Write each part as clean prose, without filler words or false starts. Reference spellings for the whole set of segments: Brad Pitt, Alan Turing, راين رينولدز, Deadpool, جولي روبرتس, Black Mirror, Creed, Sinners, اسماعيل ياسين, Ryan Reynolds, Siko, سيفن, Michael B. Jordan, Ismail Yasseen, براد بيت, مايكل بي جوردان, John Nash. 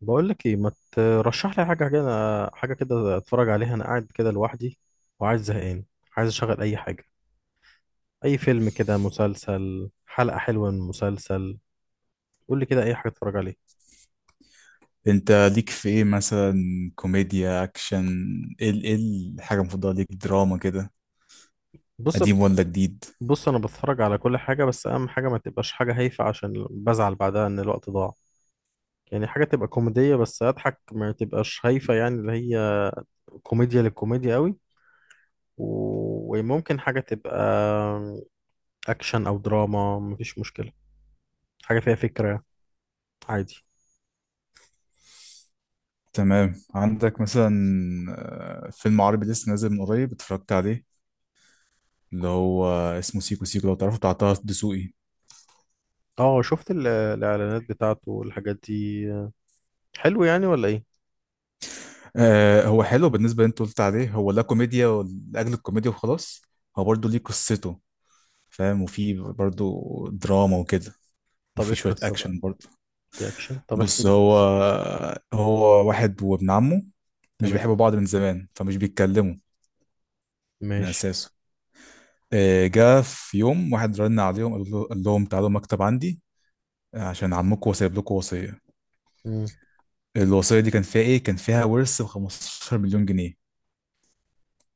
بقول لك ايه، ما ترشح لي حاجه كده. حاجه كده اتفرج عليها، انا قاعد كده لوحدي وعايز زهقان. عايز اشغل اي حاجه، اي فيلم كده، مسلسل، حلقه حلوه من مسلسل. قول لي كده اي حاجه اتفرج عليها. انت ليك في ايه مثلا؟ كوميديا، اكشن؟ ايه الحاجه المفضله ليك؟ دراما كده؟ بص قديم ولا جديد؟ بص انا بتفرج على كل حاجه، بس اهم حاجه ما تبقاش حاجه هايفه عشان بزعل بعدها ان الوقت ضاع. يعني حاجه تبقى كوميديه بس اضحك، ما تبقاش هايفه يعني، اللي هي كوميديا للكوميديا قوي. و- وممكن حاجه تبقى اكشن او دراما، مفيش مشكله، حاجه فيها فكره عادي. تمام. عندك مثلا فيلم عربي لسه نازل من قريب اتفرجت عليه، اللي هو اسمه سيكو سيكو لو تعرفه، بتاع طه دسوقي. اه، شفت الاعلانات بتاعته والحاجات دي. حلو يعني ولا ايه؟ آه هو حلو. بالنسبه اللي انت قلت عليه، هو لا كوميديا لاجل الكوميديا وخلاص، هو برضه ليه قصته، فاهم؟ وفي برضه دراما وكده، طب ايه وفي شويه القصه بقى؟ اكشن برضه. في اكشن؟ طب احكي بص، لي هو القصه. هو واحد وابن عمه مش تمام. بيحبوا بعض من زمان، فمش بيتكلموا من ماشي. اساسه. جه في يوم واحد رن عليهم، قال لهم تعالوا مكتب عندي عشان عمكم وسايب لكم وصيه. مم. الوصيه دي كان فيها ايه؟ كان فيها ورث ب 15 مليون جنيه.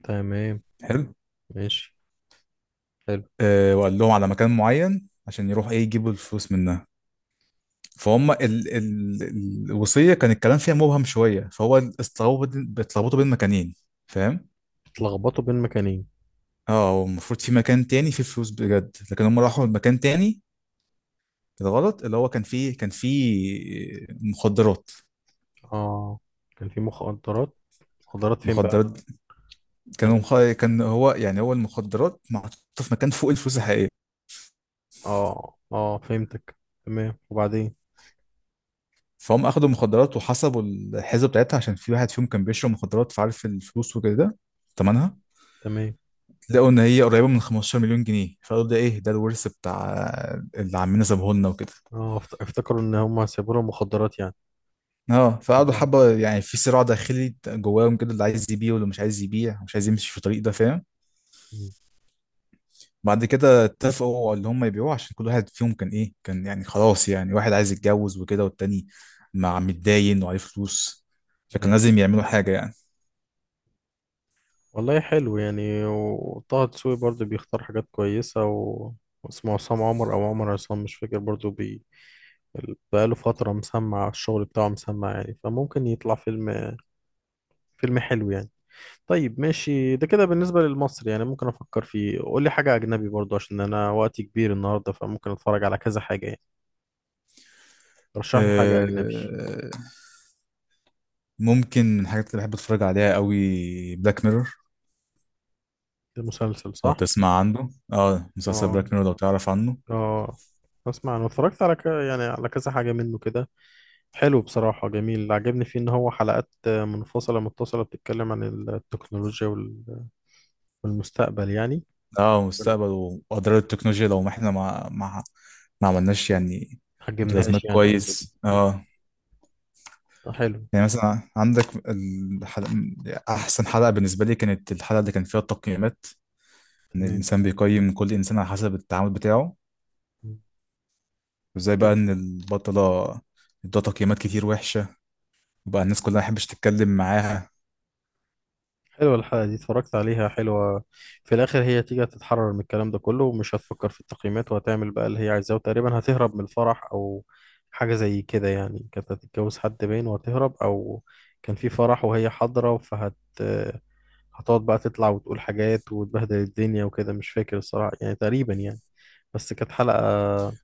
تمام. حلو. ماشي. حلو. وقال لهم على مكان معين عشان يروح ايه، يجيبوا الفلوس منها. فهم ال الوصيه كان الكلام فيها مبهم شويه، فهو اتلخبطوا بين مكانين، فاهم؟ اتلخبطوا بين مكانين؟ اه، هو المفروض في مكان تاني فيه فلوس بجد، لكن هم راحوا مكان تاني الغلط، اللي هو كان فيه كان فيه مخدرات. اه. كان في مخدرات؟ مخدرات فين بقى؟ مخدرات. كانوا يعني مخ... كان هو يعني، هو المخدرات محطوطة في مكان فوق الفلوس الحقيقية. اه اه، فهمتك. تمام، وبعدين؟ فهم أخدوا مخدرات وحسبوا الحسبة بتاعتها، عشان في واحد فيهم كان بيشرب مخدرات فعارف الفلوس وكده، تمنها. تمام. لقوا إن هي قريبة من 15 مليون جنيه، فقالوا ده إيه، ده الورث بتاع اللي عمنا سابهولنا وكده. اه، افتكروا ان هم هيسيبوا لهم مخدرات يعني؟ اه، فقعدوا اه. حبه يعني في صراع داخلي جواهم كده، اللي عايز يبيع واللي مش عايز يبيع، مش عايز يمشي في الطريق ده، فاهم؟ مم. بعد كده اتفقوا على اللي هم يبيعوه، عشان كل واحد فيهم كان ايه، كان يعني خلاص، يعني واحد عايز يتجوز وكده، والتاني مع متداين وعليه فلوس، فكان لازم يعملوا حاجه يعني. والله حلو يعني، وطه دسوقي برضه بيختار حاجات كويسة و... واسمه عصام عمر أو عمر عصام، مش فاكر برضه، بي... بقاله فترة مسمع الشغل بتاعه، مسمع يعني، فممكن يطلع فيلم، فيلم حلو يعني. طيب، ماشي، ده كده بالنسبة للمصري يعني. ممكن أفكر فيه. قول لي حاجة أجنبي برضه، عشان أنا وقتي كبير النهاردة، فممكن أتفرج على كذا حاجة يعني. رشح لي حاجة أه. أجنبي. ممكن من الحاجات اللي بحب اتفرج عليها قوي بلاك ميرور، المسلسل لو صح؟ تسمع عنه. اه مسلسل اه. بلاك ميرور، لو تعرف عنه. اه. أسمع، أنا اتفرجت على يعني على كذا حاجة منه كده. حلو بصراحة، جميل. اللي عجبني فيه إن هو حلقات منفصلة متصلة، بتتكلم عن التكنولوجيا والمستقبل يعني. اه، ما مستقبل واضرار التكنولوجيا لو ما احنا ما ما عملناش يعني. عجبنيهاش متلازمات، يعني أو كده. كويس مم. اه. حلو. يعني مثلا عندك الحلقة، احسن حلقة بالنسبة لي كانت الحلقة اللي كان فيها التقييمات، ان تمام. الانسان بيقيم كل انسان على حسب التعامل بتاعه. مم. وازاي بقى حلو- ان البطلة ادوها تقييمات كتير وحشة، وبقى الناس كلها ما حبش تتكلم معاها. حلوة الحلقة دي، اتفرجت عليها، حلوة. في الآخر هي تيجي هتتحرر من الكلام ده كله، ومش هتفكر في التقييمات، وهتعمل بقى اللي هي عايزاه، وتقريبا هتهرب من الفرح أو حاجة زي كده يعني. كانت هتتجوز حد باين، وهتهرب، أو كان في فرح وهي حاضرة، فهت، هتقعد بقى تطلع وتقول حاجات وتبهدل الدنيا وكده، مش فاكر الصراحة يعني، تقريبا يعني. بس كانت حلقة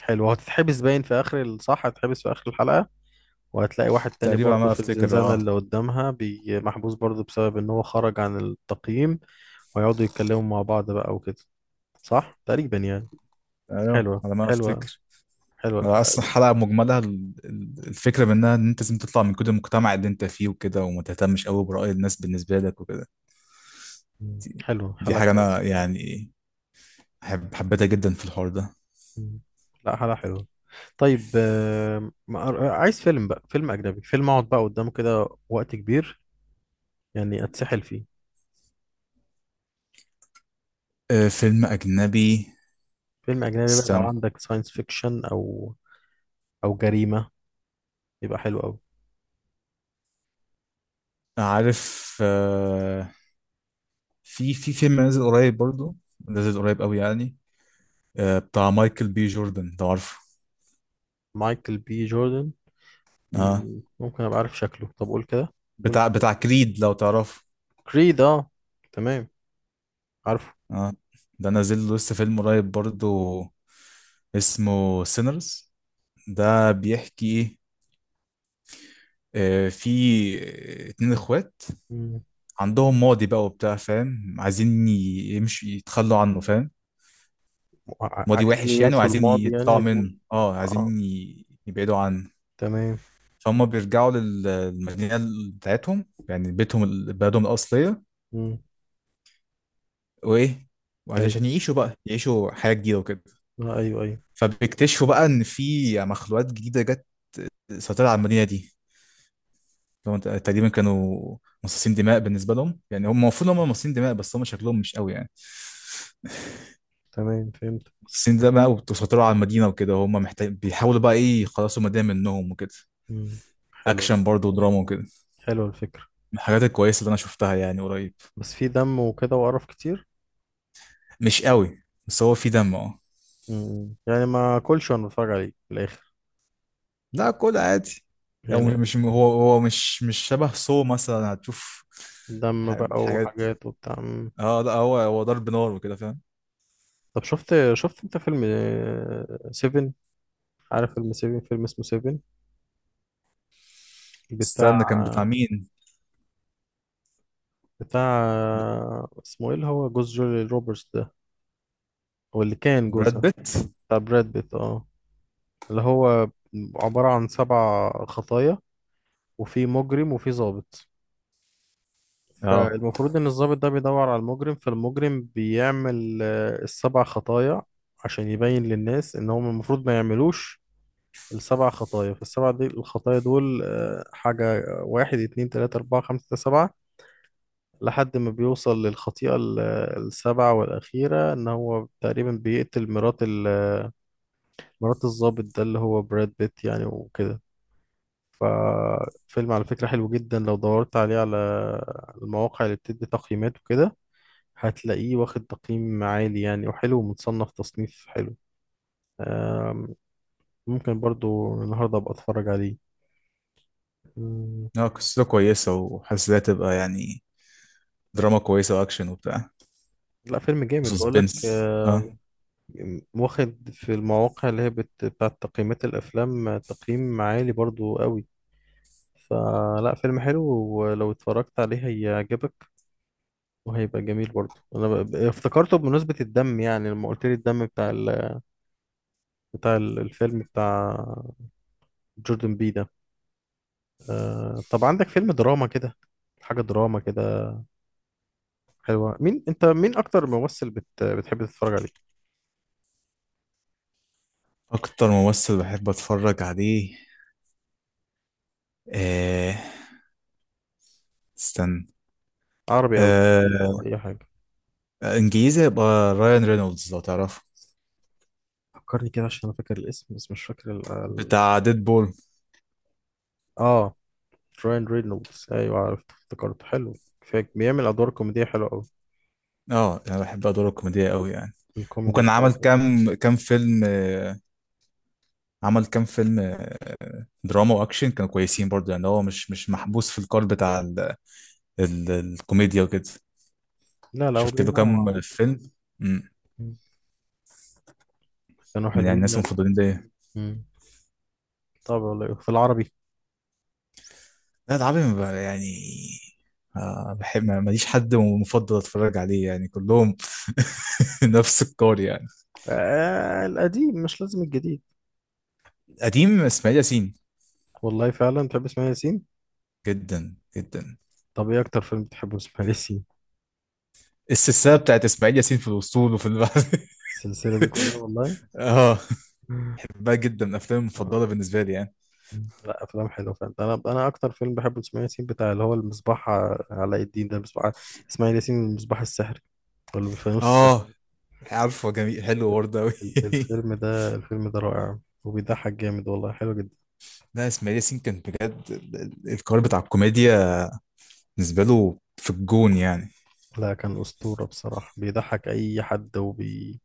حلوة. هتتحبس باين في آخر صح، هتتحبس في آخر الحلقة، وهتلاقي واحد تاني تقريبا على برضه ما في افتكر، الزنزانة اه. اللي قدامها، محبوس برضه بسبب إن هو خرج عن التقييم. ويقعدوا يتكلموا مع بعض بقى وكده. صح تقريبا يعني. ايوه حلوة، على ما حلوة. افتكر. حلوة الحلقة اصلا دي. الحلقه مجملها الفكره منها ان انت لازم تطلع من كل المجتمع اللي انت فيه وكده، وما تهتمش قوي براي الناس بالنسبه لك وكده. مم. دي, حلوة، دي حلقة حاجه انا كويسة. يعني حبيتها جدا في الحوار ده. مم. لا، حلقة حلوة. طيب، عايز فيلم بقى، فيلم أجنبي، فيلم أقعد بقى قدامه كده وقت كبير، يعني اتسحل فيه. فيلم اجنبي. فيلم اجنبي بقى، لو استنى. عندك ساينس فيكشن او او جريمة، يبقى حلو قوي. عارف في في فيلم نازل قريب برضو، نازل قريب قوي يعني. بتاع مايكل بي جوردن، لو عارفه. مايكل بي جوردن؟ اه، مم، ممكن ابقى عارف شكله، طب قول كده. قول. بتاع كريد، لو تعرفه. كريد، اه، تمام، عارفه. اه، ده نازل له لسه فيلم قريب برضو، اسمه سينرز. ده بيحكي في اتنين اخوات مم. عندهم ماضي بقى وبتاع، فاهم؟ عايزين ي- يمشي يتخلوا عنه، فاهم؟ ماضي عايزين وحش يعني، ينسوا وعايزين الماضي يعني، يطلعوا عايزين. منه، اه، اه، عايزين يبعدوا عنه. تمام. فهم بيرجعوا للمدينة بتاعتهم، يعني بيتهم بلدهم الأصلية. مم. وإيه، وعايزين ايوه. عشان يعيشوا بقى، يعيشوا حياة جديدة وكده. آه ايوه، ايوه. فبيكتشفوا بقى إن في مخلوقات جديدة جت سيطرت على المدينة دي. لو انت تقريبا، كانوا مصاصين دماء. بالنسبه لهم يعني، هم المفروض هم مصاصين دماء بس هم شكلهم مش قوي يعني. تمام، فهمت. مصاصين دماء وبيسيطروا على المدينه وكده، هم محتاج بيحاولوا بقى ايه، يخلصوا المدينه منهم وكده. مم. حلو. اكشن برضه ودراما وكده، من حلو الفكرة. الحاجات الكويسه اللي انا شفتها يعني قريب. بس في دم وكده وقرف كتير؟ مش قوي، بس هو في دم اه. مم. يعني ما كلش وانا بتفرج عليه في الاخر لا كل عادي. هو يعني. مش مش- هو هو مش مش شبه سو مثلا، هتشوف دم بقى الحاجات. وحاجات وبتاع. اه لا، هو هو ضرب نار وكده، فاهم؟ طب شفت، شفت انت فيلم سيفن؟ عارف فيلم سيفن، فيلم اسمه سيفن، بتاع، استنى، كان بتاع مين؟ بتاع اسمه ايه اللي هو جوز جولي روبرتس ده، هو اللي كان براد جوزها. بيت، بتاع براد بيت، اه، اللي هو عبارة عن سبع خطايا، وفي مجرم وفي ضابط. اه. فالمفروض ان الضابط ده بيدور على المجرم، فالمجرم بيعمل السبع خطايا عشان يبين للناس ان هم المفروض ما يعملوش السبع خطايا. فالسبع دي الخطايا دول حاجة، واحد اتنين تلاتة أربعة خمسة ستة سبعة، لحد ما بيوصل للخطيئة السابعة والأخيرة، إن هو تقريبا بيقتل مرات مرات الضابط ده اللي هو براد بيت يعني وكده. ففيلم على فكرة حلو جدا. لو دورت عليه على المواقع اللي بتدي تقييمات وكده، هتلاقيه واخد تقييم عالي يعني، وحلو، ومتصنف تصنيف حلو. آم، ممكن برضو النهاردة أبقى أتفرج عليه. اه قصته كويسة، وحاسسها تبقى يعني دراما كويسة وأكشن وبتاع لا، فيلم جامد بقول لك. وسسبنس، اه. واخد في المواقع اللي هي بتاعت تقييمات الافلام تقييم عالي برضو قوي. فلا، فيلم حلو، ولو اتفرجت عليه هيعجبك وهيبقى جميل. برضو انا افتكرته بمناسبة الدم يعني، لما قلت لي الدم بتاع ال... بتاع الفيلم بتاع جوردن بي ده. طب عندك فيلم دراما كده، حاجة دراما كده حلوة؟ مين انت، مين اكتر ممثل بتحب تتفرج عليه؟ أكتر ممثل بحب أتفرج عليه؟ آه، استنى. عربي او آه، أو اي حاجة؟ إنجليزي يبقى رايان رينولدز، لو تعرفه. فكرني كده، عشان انا فاكر الاسم بس مش فاكر ال... ال... بتاع ديد بول. اه، راين رينولدز، ايوه، عرفت، افتكرت. حلو، فاك بيعمل ادوار كوميديه حلوه قوي. اه، أنا بحب أدواره الكوميدية أوي يعني. الكوميدي وكان عمل بتاعه. كام فيلم آه، عمل كام فيلم دراما وأكشن، كانوا كويسين برضه. يعني هو مش مش محبوس في القالب بتاع ال الكوميديا وكده. لا، هو شفت له بينوع. كام فيلم مم. كانوا من يعني حلوين الناس يعني. المفضلين زي. مم. طب والله في العربي؟ لا ده عربي، ما ب- يعني آه بحب، ماليش حد مفضل اتفرج عليه يعني، كلهم نفس القار يعني. آه القديم، مش لازم الجديد. قديم اسماعيل ياسين. والله فعلا بتحب اسماعيل ياسين؟ جدا جدا. طب ايه اكتر فيلم بتحبه اسماعيل ياسين؟ السلسله بتاعت اسماعيل ياسين في الاسطول وفي البحر. السلسله دي كلها والله. اه، بحبها جدا، من افلامي المفضله آه. بالنسبه لي يعني. لا، افلام حلوه فعلا. انا اكتر فيلم بحبه لاسماعيل ياسين بتاع اللي هو المصباح، علاء الدين ده، المصباح، اسماعيل ياسين المصباح السحري، ولا بالفانوس اه السحري. عارفه، جميل، حلو برضه قوي. الفيلم ده، الفيلم ده رائع، وبيضحك جامد، والله حلو جدا. لا اسماعيل ياسين كان بجد القار بتاع الكوميديا بالنسبه له في الجون يعني. لا، كان اسطوره بصراحه، بيضحك اي حد، وبي،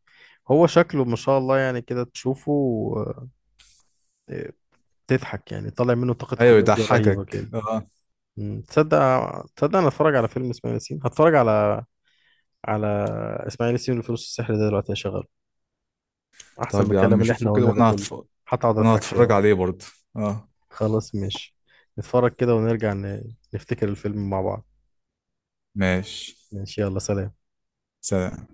هو شكله ما شاء الله يعني، كده تشوفه آه، تضحك يعني. طالع منه طاقه ايوه كوميديا رهيبه يضحكك، كده. اه. مم. تصدق، تصدق انا اتفرج على فيلم اسماعيل ياسين؟ هتفرج على، على اسماعيل ياسين والفانوس السحري ده دلوقتي، هشغله، احسن من طب يا الكلام عم اللي شوفوا احنا كده قلناه ده وانا كله. هتفرج، هتقعد وانا اضحك هتفرج شويه. عليه برضه، اه. خلاص، ماشي، نتفرج كده ونرجع نفتكر الفيلم مع بعض. ماشي، ماشي، يلا، سلام. سلام.